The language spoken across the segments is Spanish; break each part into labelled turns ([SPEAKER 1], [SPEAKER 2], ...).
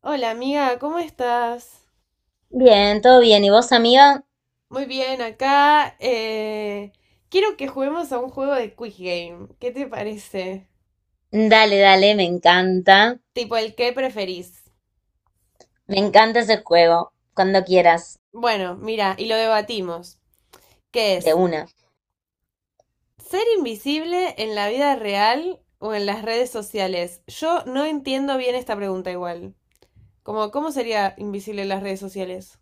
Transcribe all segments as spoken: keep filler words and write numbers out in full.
[SPEAKER 1] Hola amiga, ¿cómo estás?
[SPEAKER 2] Bien, todo bien. ¿Y vos, amiga?
[SPEAKER 1] Muy bien, acá eh, quiero que juguemos a un juego de Quick Game. ¿Qué te parece?
[SPEAKER 2] Dale, dale, me encanta.
[SPEAKER 1] Tipo el que preferís.
[SPEAKER 2] Me encanta ese juego. Cuando quieras,
[SPEAKER 1] Bueno, mira, y lo debatimos. ¿Qué
[SPEAKER 2] de
[SPEAKER 1] es?
[SPEAKER 2] una.
[SPEAKER 1] ¿Ser invisible en la vida real o en las redes sociales? Yo no entiendo bien esta pregunta igual. Como, ¿cómo sería invisible en las redes sociales?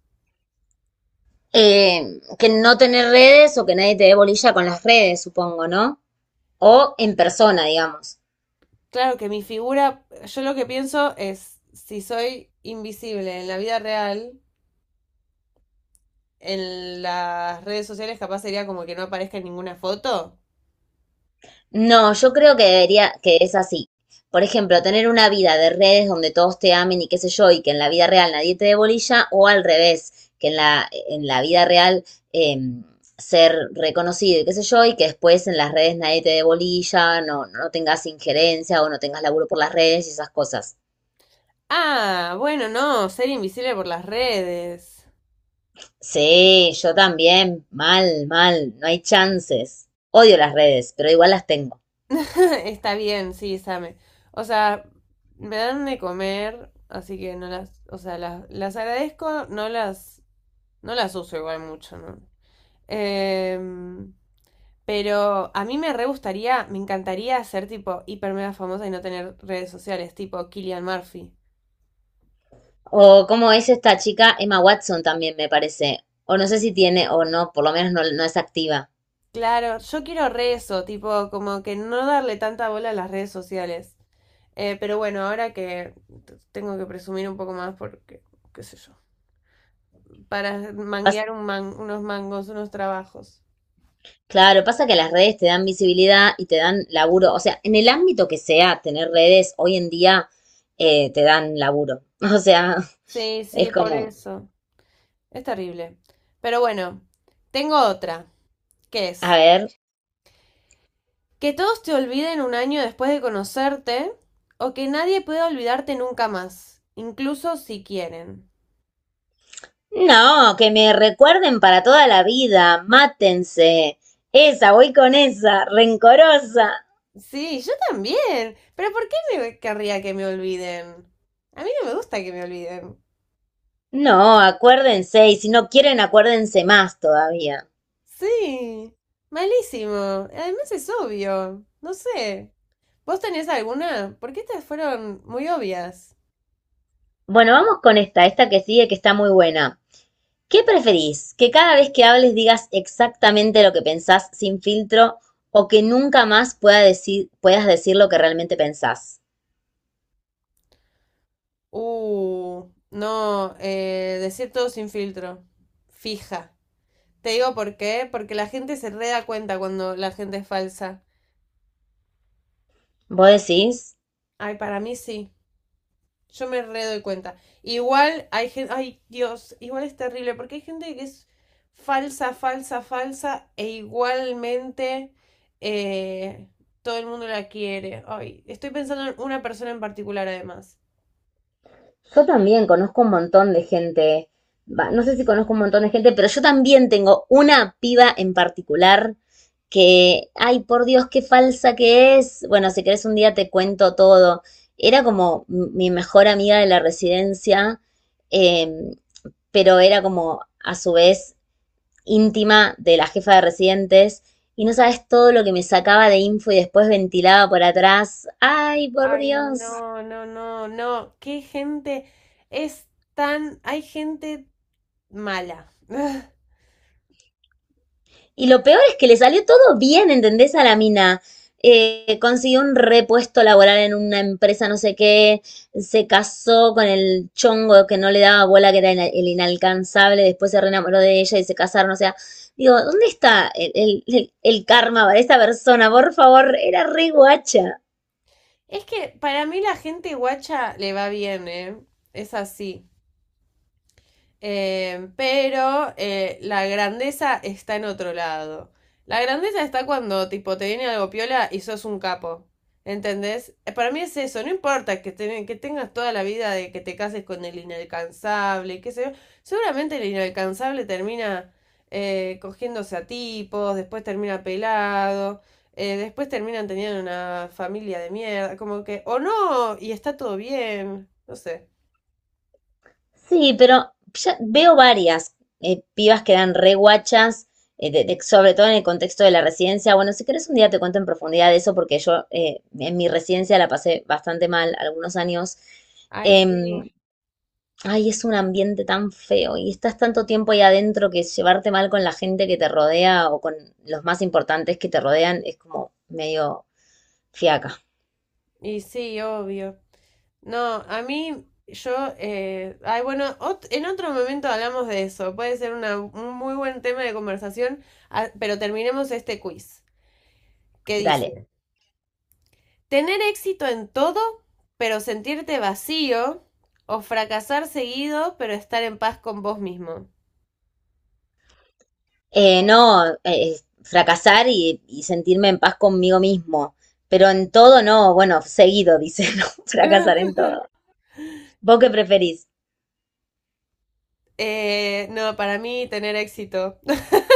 [SPEAKER 2] Eh, que no tener redes o que nadie te dé bolilla con las redes, supongo, ¿no? O en persona, digamos.
[SPEAKER 1] Claro que mi figura, yo lo que pienso es, si soy invisible en la vida real, en las redes sociales capaz sería como que no aparezca en ninguna foto.
[SPEAKER 2] No, yo creo que debería, que es así. Por ejemplo, tener una vida de redes donde todos te amen y qué sé yo, y que en la vida real nadie te dé bolilla, o al revés, que en la, en la vida real eh, ser reconocido y qué sé yo, y que después en las redes nadie te dé bolilla, no, no tengas injerencia o no tengas laburo por las redes y esas cosas.
[SPEAKER 1] Ah, bueno, no, ser invisible por las redes.
[SPEAKER 2] Sí, yo también, mal, mal, no hay chances. Odio las redes, pero igual las tengo.
[SPEAKER 1] Está bien, sí, Same. O sea, me dan de comer, así que no las, o sea, las, las agradezco, no las, no las uso igual mucho, ¿no? Em, pero a mí me re gustaría, me encantaría ser tipo hiper mega famosa y no tener redes sociales, tipo Killian Murphy.
[SPEAKER 2] O cómo es esta chica, Emma Watson también me parece. O no sé si tiene o no, por lo menos no, no es activa.
[SPEAKER 1] Claro, yo quiero re eso, tipo, como que no darle tanta bola a las redes sociales. Eh, pero bueno, ahora que t- tengo que presumir un poco más porque, qué sé yo, para
[SPEAKER 2] Pas-
[SPEAKER 1] manguear un man- unos mangos, unos trabajos.
[SPEAKER 2] claro, pasa que las redes te dan visibilidad y te dan laburo. O sea, en el ámbito que sea, tener redes hoy en día eh, te dan laburo. O sea,
[SPEAKER 1] Sí, sí,
[SPEAKER 2] es
[SPEAKER 1] por
[SPEAKER 2] como,
[SPEAKER 1] eso. Es terrible. Pero bueno, tengo otra, que
[SPEAKER 2] a
[SPEAKER 1] es
[SPEAKER 2] ver.
[SPEAKER 1] que todos te olviden un año después de conocerte o que nadie pueda olvidarte nunca más, incluso si quieren.
[SPEAKER 2] No, que me recuerden para toda la vida. Mátense. Esa, voy con esa, rencorosa.
[SPEAKER 1] Sí, yo también. Pero ¿por qué me querría que me olviden? A mí no me gusta que me olviden.
[SPEAKER 2] No, acuérdense. Y si no quieren, acuérdense más todavía.
[SPEAKER 1] Sí, malísimo. Además es obvio. No sé. ¿Vos tenés alguna? Porque estas fueron muy obvias.
[SPEAKER 2] Bueno, vamos con esta, esta que sigue, que está muy buena. ¿Qué preferís? ¿Que cada vez que hables digas exactamente lo que pensás sin filtro o que nunca más pueda decir, puedas decir lo que realmente pensás?
[SPEAKER 1] Uh, no, eh, Decir todo sin filtro. Fija. Te digo por qué, porque la gente se re da cuenta cuando la gente es falsa.
[SPEAKER 2] ¿Vos decís?
[SPEAKER 1] Ay, para mí sí. Yo me re doy cuenta. Igual hay gente, ay Dios, igual es terrible, porque hay gente que es falsa, falsa, falsa, e igualmente eh, todo el mundo la quiere. Ay, estoy pensando en una persona en particular además.
[SPEAKER 2] Yo también conozco un montón de gente, va, no sé si conozco un montón de gente, pero yo también tengo una piba en particular que, ay, por Dios, qué falsa que es. Bueno, si querés un día te cuento todo. Era como mi mejor amiga de la residencia. eh, pero era como a su vez íntima de la jefa de residentes y no sabes todo lo que me sacaba de info y después ventilaba por atrás. Ay, por
[SPEAKER 1] Ay,
[SPEAKER 2] Dios.
[SPEAKER 1] no, no, no, no. Qué gente es tan. Hay gente mala.
[SPEAKER 2] Y lo peor es que le salió todo bien, ¿entendés? A la mina. Eh, consiguió un repuesto laboral en una empresa, no sé qué, se casó con el chongo que no le daba bola, que era el, inalcanzable, después se reenamoró de ella y se casaron, o sea, digo, ¿dónde está el, el, el karma para esta persona? Por favor, era re guacha.
[SPEAKER 1] Es que para mí la gente guacha le va bien, ¿eh? Es así. Eh, pero eh, la grandeza está en otro lado. La grandeza está cuando, tipo, te viene algo piola y sos un capo. ¿Entendés? Eh, Para mí es eso, no importa que, te- que tengas toda la vida de que te cases con el inalcanzable, y qué sé yo. Seguramente el inalcanzable termina eh, cogiéndose a tipos, después termina pelado, eh, después terminan teniendo una familia de mierda, como que, o no, y está todo bien, no sé.
[SPEAKER 2] Sí, pero ya veo varias eh, pibas que dan re guachas, eh, de- de- sobre todo en el contexto de la residencia. Bueno, si querés un día te cuento en profundidad de eso, porque yo eh, en mi residencia la pasé bastante mal algunos años.
[SPEAKER 1] Ay,
[SPEAKER 2] Em,
[SPEAKER 1] sí.
[SPEAKER 2] Ay, es un ambiente tan feo y estás tanto tiempo ahí adentro que llevarte mal con la gente que te rodea o con los más importantes que te rodean es como medio fiaca.
[SPEAKER 1] Y sí, obvio. No, a mí, yo, eh, ay, bueno, ot- en otro momento hablamos de eso. Puede ser una, un muy buen tema de conversación, ah, pero terminemos este quiz. ¿Qué
[SPEAKER 2] Dale.
[SPEAKER 1] dice? ¿Tener éxito en todo, pero sentirte vacío? ¿O fracasar seguido, pero estar en paz con vos mismo?
[SPEAKER 2] Eh, no, eh, fracasar y, y sentirme en paz conmigo mismo. Pero en todo no, bueno, seguido, dice, no, fracasar en todo. ¿Vos qué preferís?
[SPEAKER 1] Eh, no, Para mí tener éxito.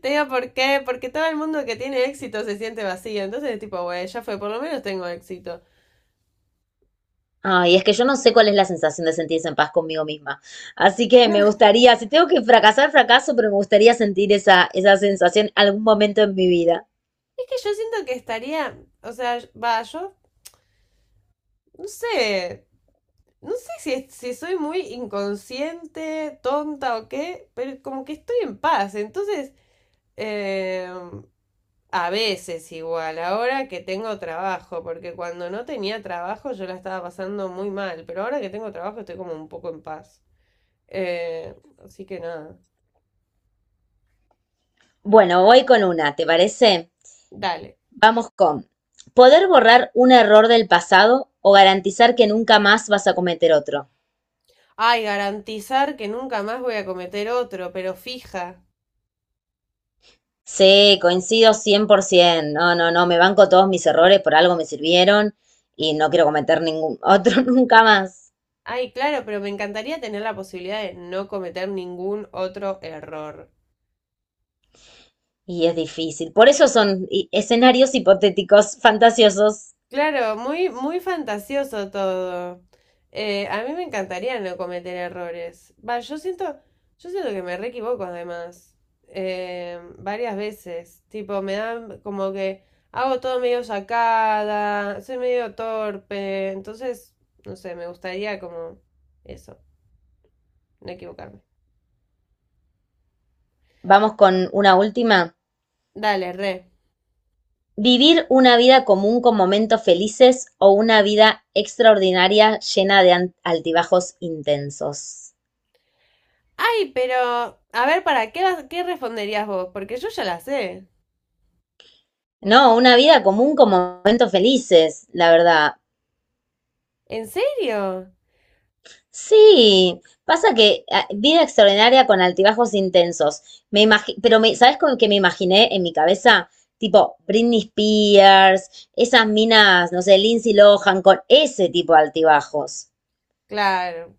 [SPEAKER 1] Te digo por qué, porque todo el mundo que tiene éxito se siente vacío. Entonces, tipo, güey, ya fue, por lo menos tengo éxito.
[SPEAKER 2] Ay, es que yo no sé cuál es la sensación de sentirse en paz conmigo misma. Así que me gustaría, si tengo que fracasar, fracaso, pero me gustaría sentir esa, esa sensación algún momento en mi vida.
[SPEAKER 1] Es que yo siento que estaría, o sea, va, yo no sé, no sé si, es- si soy muy inconsciente, tonta o qué, pero como que estoy en paz. Entonces, eh, a veces igual, ahora que tengo trabajo, porque cuando no tenía trabajo yo la estaba pasando muy mal, pero ahora que tengo trabajo estoy como un poco en paz. Eh, Así que nada,
[SPEAKER 2] Bueno, voy con una, ¿te parece?
[SPEAKER 1] dale.
[SPEAKER 2] Vamos con poder borrar un error del pasado o garantizar que nunca más vas a cometer otro.
[SPEAKER 1] Ay, garantizar que nunca más voy a cometer otro, pero fija.
[SPEAKER 2] Sí, coincido cien por ciento. No, no, no, me banco todos mis errores, por algo me sirvieron y no quiero cometer ningún otro nunca más.
[SPEAKER 1] Ay, claro, pero me encantaría tener la posibilidad de no cometer ningún otro error.
[SPEAKER 2] Y es difícil. Por eso son i- escenarios hipotéticos, fantasiosos.
[SPEAKER 1] Claro, muy, muy fantasioso todo. Eh, a mí me encantaría no cometer errores. Va, yo siento, yo siento que me re equivoco además. Eh, varias veces. Tipo, me dan como que hago todo medio sacada, soy medio torpe. Entonces, no sé, me gustaría como eso, no equivocarme.
[SPEAKER 2] Vamos con una última.
[SPEAKER 1] Dale, re.
[SPEAKER 2] ¿Vivir una vida común con momentos felices o una vida extraordinaria llena de an- altibajos intensos?
[SPEAKER 1] Ay, pero, a ver, ¿para qué, vas- qué responderías vos? Porque yo ya la sé.
[SPEAKER 2] No, una vida común con momentos felices, la verdad.
[SPEAKER 1] ¿En serio?
[SPEAKER 2] Sí, pasa que ah, vida extraordinaria con altibajos intensos. Me imagi- pero me, ¿sabes con qué me imaginé en mi cabeza? Tipo Britney Spears, esas minas, no sé, Lindsay Lohan, con ese tipo de altibajos.
[SPEAKER 1] Claro,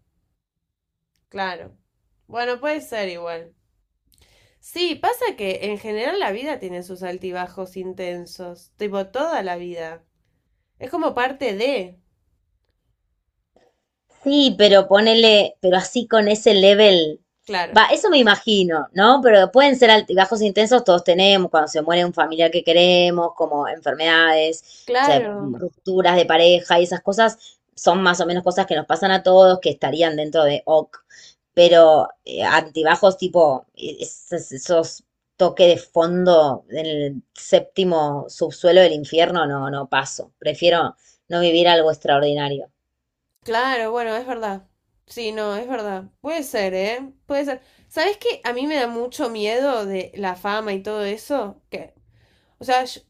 [SPEAKER 1] claro. Bueno, puede ser igual. Sí, pasa que en general la vida tiene sus altibajos intensos, tipo toda la vida. Es como parte de...
[SPEAKER 2] Sí, pero ponele, pero así con ese level.
[SPEAKER 1] Claro,
[SPEAKER 2] Va, eso me imagino, ¿no? Pero pueden ser altibajos intensos, todos tenemos, cuando se muere un familiar que queremos, como enfermedades, o sea,
[SPEAKER 1] claro,
[SPEAKER 2] rupturas de pareja y esas cosas, son más o menos cosas que nos pasan a todos, que estarían dentro de OK. Pero eh, altibajos tipo es- es- esos toques de fondo en el séptimo subsuelo del infierno, no, no paso. Prefiero no vivir algo extraordinario.
[SPEAKER 1] claro, bueno, es verdad. Sí, no, es verdad. Puede ser, ¿eh? Puede ser. ¿Sabes qué? A mí me da mucho miedo de la fama y todo eso. Que, o sea, yo-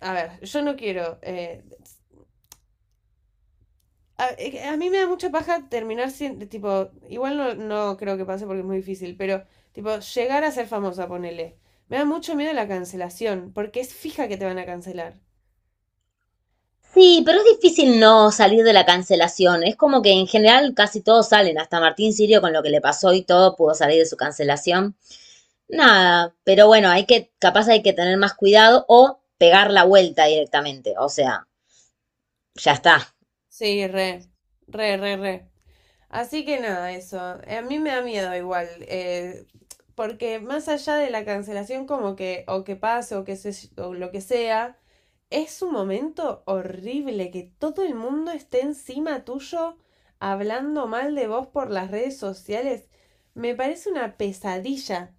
[SPEAKER 1] a ver, yo no quiero eh, A, eh, a mí me da mucha paja terminar siendo, tipo, igual no, no creo que pase porque es muy difícil, pero tipo, llegar a ser famosa, ponele. Me da mucho miedo la cancelación, porque es fija que te van a cancelar.
[SPEAKER 2] Sí, pero es difícil no salir de la cancelación. Es como que en general casi todos salen, hasta Martín Sirio con lo que le pasó y todo pudo salir de su cancelación. Nada, pero bueno, hay que, capaz hay que tener más cuidado o pegar la vuelta directamente. O sea, ya está.
[SPEAKER 1] Sí, re, re, re, re. Así que nada, eso. Eh, A mí me da miedo igual, eh, porque más allá de la cancelación como que, o que pase, o que se, o lo que sea, es un momento horrible que todo el mundo esté encima tuyo hablando mal de vos por las redes sociales. Me parece una pesadilla.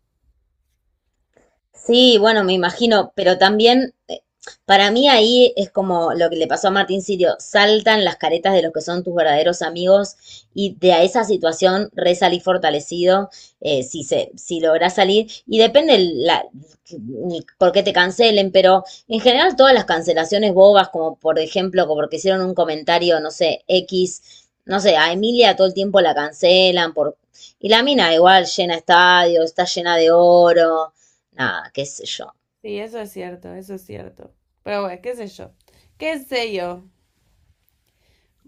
[SPEAKER 2] Sí, bueno, me imagino, pero también eh, para mí ahí es como lo que le pasó a Martín Sirio, saltan las caretas de los que son tus verdaderos amigos y de a esa situación resalí fortalecido, eh, si se, si lográs salir, y depende el- la, el por qué te cancelen, pero en general todas las cancelaciones bobas, como por ejemplo, como porque hicieron un comentario, no sé, X, no sé, a Emilia todo el tiempo la cancelan por... Y la mina igual llena estadios, está llena de oro. Nada, qué sé yo.
[SPEAKER 1] Sí, eso es cierto, eso es cierto. Pero bueno, qué sé yo. ¿Qué sé yo?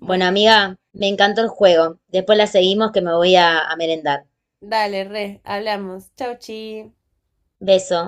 [SPEAKER 2] Bueno, amiga, me encantó el juego. Después la seguimos que me voy a, a merendar.
[SPEAKER 1] dale, re, hablamos. Chau, chi.
[SPEAKER 2] Beso.